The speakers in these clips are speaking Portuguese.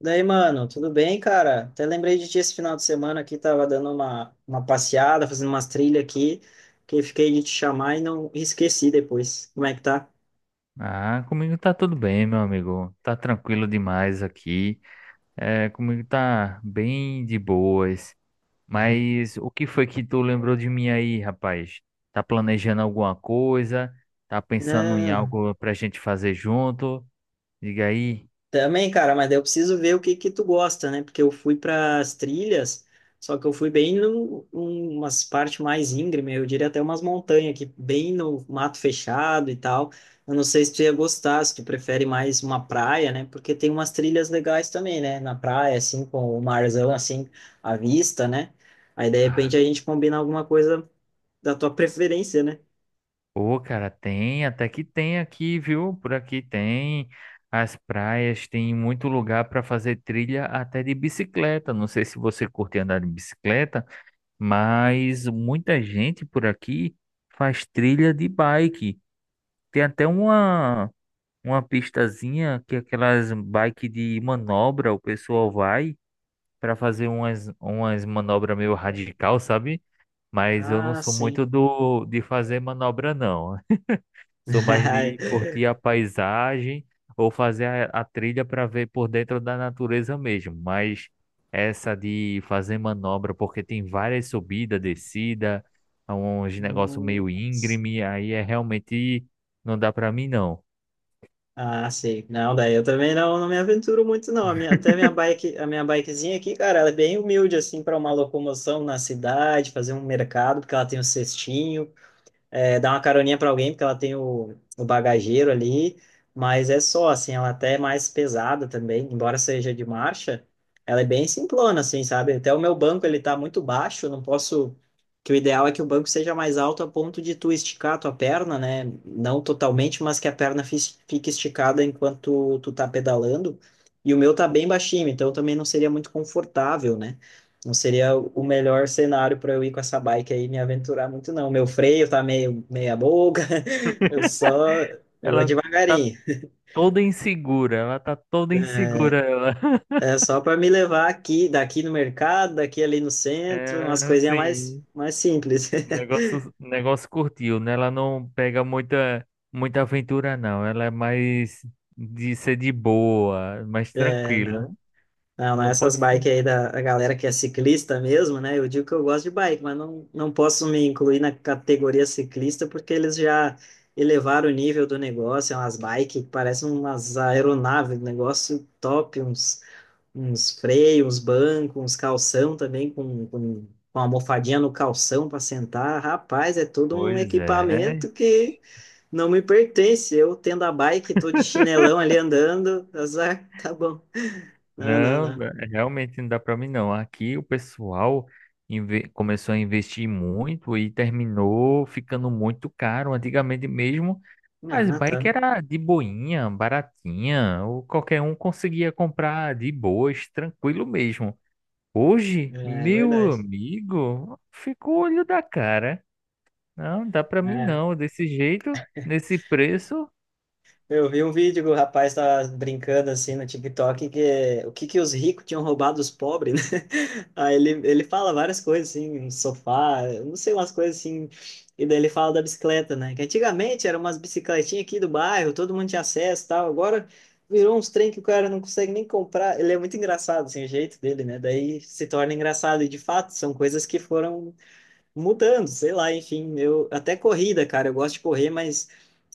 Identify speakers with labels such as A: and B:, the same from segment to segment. A: Daí, mano, tudo bem, cara? Até lembrei de ti esse final de semana aqui, tava dando uma passeada, fazendo umas trilhas aqui, que fiquei de te chamar e não e esqueci depois. Como é que tá?
B: Ah, comigo tá tudo bem, meu amigo. Tá tranquilo demais aqui. É, comigo tá bem de boas. Mas o que foi que tu lembrou de mim aí, rapaz? Tá planejando alguma coisa? Tá pensando em
A: Não.
B: algo pra gente fazer junto? Diga aí.
A: Também, cara, mas daí eu preciso ver o que que tu gosta, né? Porque eu fui para as trilhas, só que eu fui bem umas partes mais íngreme, eu diria até umas montanhas aqui, bem no mato fechado e tal. Eu não sei se tu ia gostar, se tu prefere mais uma praia, né? Porque tem umas trilhas legais também, né? Na praia, assim, com o marzão, assim, à vista, né? Aí, de repente,
B: Ah,
A: a gente combina alguma coisa da tua preferência, né?
B: pô, cara, tem, até que tem aqui, viu? Por aqui tem as praias, tem muito lugar pra fazer trilha até de bicicleta. Não sei se você curte andar de bicicleta. Mas muita gente por aqui faz trilha de bike. Tem até uma, pistazinha que é aquelas bike de manobra, o pessoal vai para fazer umas manobras meio radical, sabe? Mas eu não
A: Ah,
B: sou
A: sim.
B: muito do de fazer manobra, não. Sou mais de curtir a paisagem ou fazer a trilha para ver por dentro da natureza mesmo. Mas essa de fazer manobra, porque tem várias subidas, descida, é uns negócio meio
A: Nossa.
B: íngreme, aí é realmente não dá para mim não.
A: Ah, sei. Não, daí eu também não me aventuro muito, não. A minha, até minha bike, a minha bikezinha aqui, cara, ela é bem humilde, assim, para uma locomoção na cidade, fazer um mercado, porque ela tem um cestinho, é, dar uma caroninha para alguém, porque ela tem o bagageiro ali, mas é só, assim, ela até é mais pesada também, embora seja de marcha, ela é bem simplona, assim, sabe? Até o meu banco, ele tá muito baixo, não posso... Que o ideal é que o banco seja mais alto a ponto de tu esticar a tua perna, né? Não totalmente, mas que a perna fique esticada enquanto tu tá pedalando. E o meu tá bem baixinho, então também não seria muito confortável, né? Não seria o melhor cenário para eu ir com essa bike aí e me aventurar muito, não. Meu freio tá meio meia boca. eu só eu vou
B: Ela tá
A: devagarinho.
B: toda insegura, ela tá toda
A: É,
B: insegura, ela.
A: é só para me levar aqui, daqui no mercado, daqui ali no centro,
B: É,
A: umas coisinhas mais
B: assim.
A: mais simples.
B: O negócio curtiu, né? Ela não pega muita, muita aventura, não. Ela é mais de ser de boa, mais
A: É,
B: tranquila,
A: não.
B: né?
A: Não, não é
B: Não
A: essas
B: pode.
A: bikes aí da galera que é ciclista mesmo, né? Eu digo que eu gosto de bike, mas não, não posso me incluir na categoria ciclista porque eles já elevaram o nível do negócio. É umas bikes que parecem umas aeronaves, um negócio top, uns, uns freios, uns bancos, uns calção também com almofadinha no calção para sentar. Rapaz, é todo um
B: Pois é.
A: equipamento que não me pertence. Eu tendo a bike, tô de chinelão ali andando. Azar, tá bom. Não, não,
B: Não,
A: não.
B: realmente não dá pra mim, não. Aqui o pessoal começou a investir muito e terminou ficando muito caro. Antigamente mesmo, as
A: Ah, tá.
B: bikes era de boinha, baratinha, ou qualquer um conseguia comprar de boas, tranquilo mesmo. Hoje,
A: É
B: meu
A: verdade.
B: amigo, ficou o olho da cara. Não, dá pra mim
A: É.
B: não, desse jeito, nesse preço.
A: Eu vi um vídeo que o rapaz tava brincando assim no TikTok que o que que os ricos tinham roubado dos pobres, né? Aí ele fala várias coisas assim, um sofá, eu não sei, umas coisas assim. E daí ele fala da bicicleta, né? Que antigamente eram umas bicicletinhas aqui do bairro, todo mundo tinha acesso e tal. Agora virou uns trem que o cara não consegue nem comprar. Ele é muito engraçado, assim, o jeito dele, né? Daí se torna engraçado. E de fato, são coisas que foram mudando, sei lá, enfim, eu até corrida, cara, eu gosto de correr, mas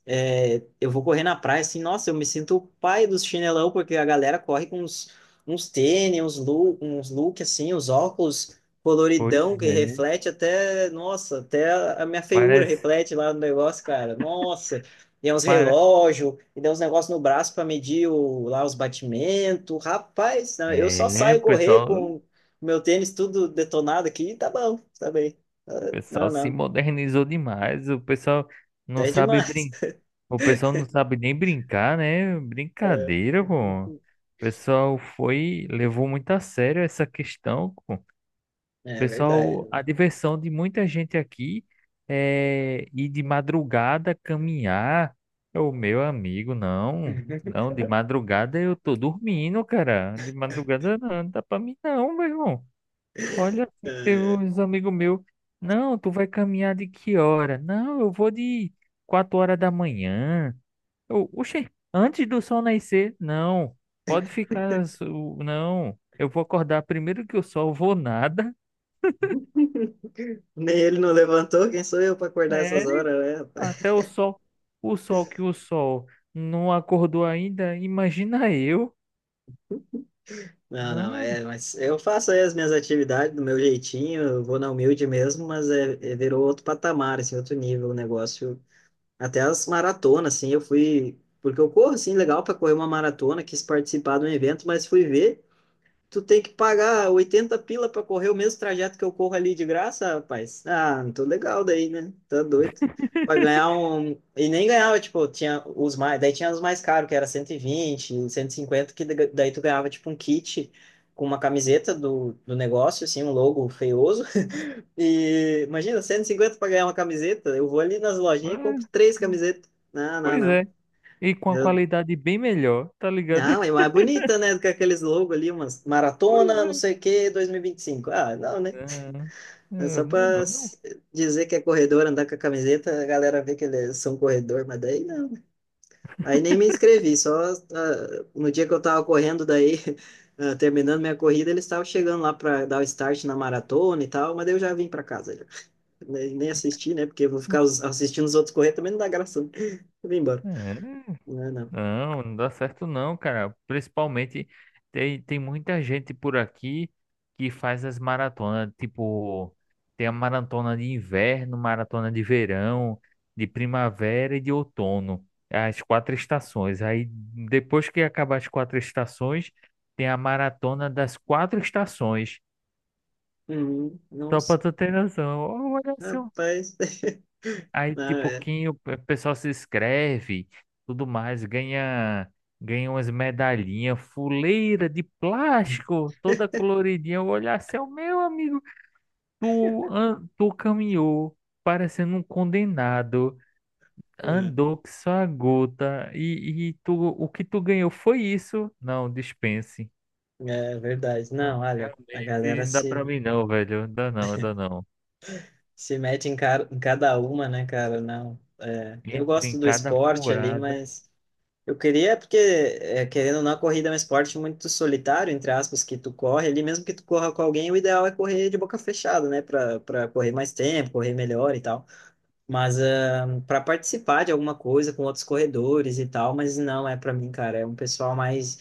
A: é, eu vou correr na praia assim, nossa, eu me sinto o pai dos chinelão, porque a galera corre com uns, uns tênis, uns look assim, os óculos
B: Pois
A: coloridão que
B: é,
A: reflete até, nossa, até a minha feiura
B: parece,
A: reflete lá no negócio, cara. Nossa, e é uns
B: para.
A: relógio, e dá uns negócios no braço para medir lá os batimentos. Rapaz, né, eu só
B: É,
A: saio
B: o
A: correr
B: pessoal, o
A: com meu tênis tudo detonado aqui, tá bom, tá bem. Ah,
B: pessoal
A: não,
B: se
A: não,
B: modernizou demais. O pessoal não
A: até
B: sabe
A: demais.
B: O pessoal não sabe nem brincar, né?
A: É.
B: Brincadeira, pô. O pessoal levou muito a sério essa questão, pô.
A: É verdade,
B: Pessoal, a
A: né?
B: diversão de muita gente aqui é ir de madrugada caminhar. O meu amigo, não. Não, de madrugada eu tô dormindo, cara. De madrugada não, não dá pra mim não, meu irmão. Olha, teve
A: É.
B: uns amigos meus. Não, tu vai caminhar de que hora? Não, eu vou de 4 horas da manhã. Eu, oxe, antes do sol nascer? Não, pode ficar. Não, eu vou acordar primeiro que o sol, vou nada.
A: Nem ele não levantou, quem sou eu para acordar
B: É.
A: essas horas, né,
B: Até
A: rapaz?
B: o sol que o sol não acordou ainda, imagina eu.
A: Não, não,
B: Não,
A: é, mas eu faço aí as minhas atividades do meu jeitinho, eu vou na humilde mesmo, mas virou outro patamar, assim, outro nível o negócio. Até as maratonas, assim, eu fui. Porque eu corro, assim, legal para correr uma maratona, quis participar de um evento, mas fui ver. Tu tem que pagar 80 pila pra correr o mesmo trajeto que eu corro ali de graça, rapaz. Ah, não tô legal daí, né? Tá doido. Pra ganhar um. E nem ganhava, tipo, tinha os mais. Daí tinha os mais caros, que era 120, 150, que daí tu ganhava, tipo, um kit com uma camiseta do negócio, assim, um logo feioso. E imagina, 150 pra ganhar uma camiseta. Eu vou ali nas lojinhas e compro
B: mas-
A: três camisetas. Não, não,
B: pois
A: não.
B: é. E com a
A: Eu
B: qualidade bem melhor, tá ligado?
A: não, é mais bonita, né? Do que aqueles logos ali, umas
B: Pois
A: maratona,
B: é.
A: não sei o que, 2025. Ah, não, né?
B: Não,
A: É
B: eu
A: só
B: não, não,
A: dizer que é corredor, andar com a camiseta, a galera vê que eles são corredor, mas daí não. Aí nem me inscrevi, só ah, no dia que eu tava correndo, daí, ah, terminando minha corrida, eles estavam chegando lá pra dar o start na maratona e tal, mas daí eu já vim pra casa, já. Nem assisti, né? Porque eu vou
B: não.
A: ficar assistindo os outros correr também não dá graça, né? Eu vim embora.
B: É.
A: Não, é, não.
B: Não, não dá certo não, cara. Principalmente tem, muita gente por aqui que faz as maratonas, tipo, tem a maratona de inverno, maratona de verão, de primavera e de outono, as quatro estações. Aí depois que acabar as quatro estações, tem a maratona das quatro estações.
A: Uhum,
B: Só
A: nossa.
B: pra tu ter noção. Olha só,
A: Rapaz,
B: aí de
A: não, é.
B: pouquinho o pessoal se inscreve, tudo mais, ganha, umas medalhinhas, fuleira de plástico, toda coloridinha. Eu olhar assim, "Ó, meu amigo, tu, tu caminhou parecendo um condenado,
A: É
B: andou que só a gota, e tu, o que tu ganhou foi isso? Não, dispense.
A: É verdade. Não, olha, a
B: Realmente
A: galera
B: não dá pra
A: se,
B: mim não, velho, não dá não, não dá não.
A: se mete em, cara, em cada uma, né, cara? Não, é, eu
B: Entre em
A: gosto do
B: cada
A: esporte ali,
B: furada,
A: mas eu queria, porque, é, querendo ou não, a corrida é um esporte muito solitário, entre aspas, que tu corre ali, mesmo que tu corra com alguém, o ideal é correr de boca fechada, né, para correr mais tempo, correr melhor e tal. Mas para participar de alguma coisa com outros corredores e tal, mas não é para mim, cara. É um pessoal mais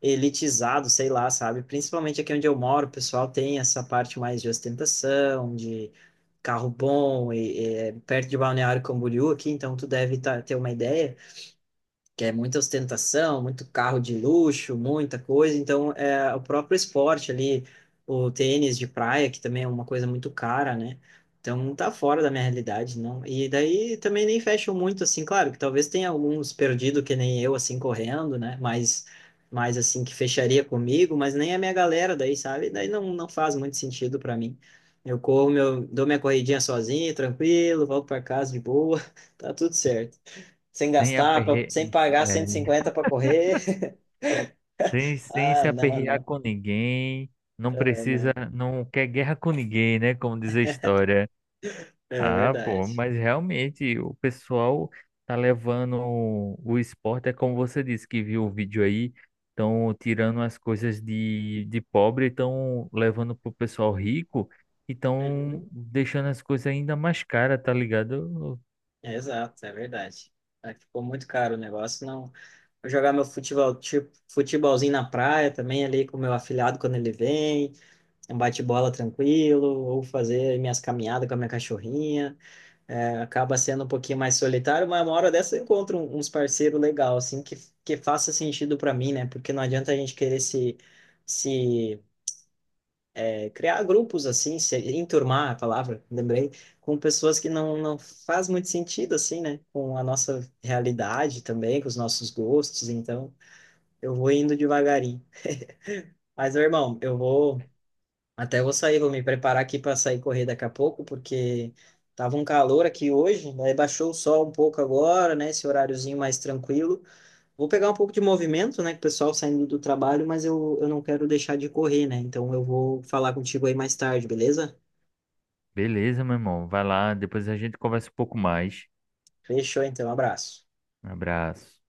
A: elitizado, sei lá, sabe? Principalmente aqui onde eu moro, o pessoal tem essa parte mais de ostentação, de carro bom, e é perto de Balneário Camboriú aqui, então tu deve ter uma ideia que é muita ostentação, muito carro de luxo, muita coisa. Então, é, o próprio esporte ali, o tênis de praia, que também é uma coisa muito cara, né? Então, tá fora da minha realidade, não. E daí também nem fecham muito, assim, claro, que talvez tenha alguns perdido que nem eu, assim, correndo, né? Mas assim, que fecharia comigo, mas nem a minha galera daí, sabe? Daí não, não faz muito sentido para mim. Eu corro, meu, dou minha corridinha sozinho, tranquilo, volto para casa de boa. Tá tudo certo sem
B: sem
A: gastar,
B: aperreio,
A: sem pagar 150 para correr.
B: sem
A: Ah,
B: se
A: não,
B: aperrear
A: não,
B: com ninguém, não
A: é,
B: precisa,
A: não.
B: não quer guerra com ninguém, né? Como diz a história.
A: É
B: Ah, pô,
A: verdade.
B: mas realmente o pessoal tá levando o, esporte, é como você disse que viu o vídeo aí, estão tirando as coisas de pobre, estão levando pro pessoal rico e estão
A: Uhum.
B: deixando as coisas ainda mais caras, tá ligado?
A: É, exato, é verdade. Aí ficou muito caro o negócio, não. Vou jogar meu futebol, tipo, futebolzinho na praia também ali com o meu afilhado quando ele vem. É um bate-bola tranquilo, ou fazer minhas caminhadas com a minha cachorrinha. É, acaba sendo um pouquinho mais solitário, mas uma hora dessa eu encontro uns parceiros legal assim que faça sentido para mim, né? Porque não adianta a gente querer se criar grupos assim, se enturmar a palavra, lembrei, com pessoas que não, não faz muito sentido assim, né? Com a nossa realidade também, com os nossos gostos, então eu vou indo devagarinho. Mas, meu irmão, eu vou até vou sair, vou me preparar aqui para sair correr daqui a pouco, porque tava um calor aqui hoje, daí baixou o sol um pouco agora, né? Esse horáriozinho mais tranquilo. Vou pegar um pouco de movimento, né? Com o pessoal saindo do trabalho, mas eu não quero deixar de correr, né? Então eu vou falar contigo aí mais tarde, beleza?
B: Beleza, meu irmão, vai lá, depois a gente conversa um pouco mais.
A: Fechou, então. Um abraço.
B: Um abraço.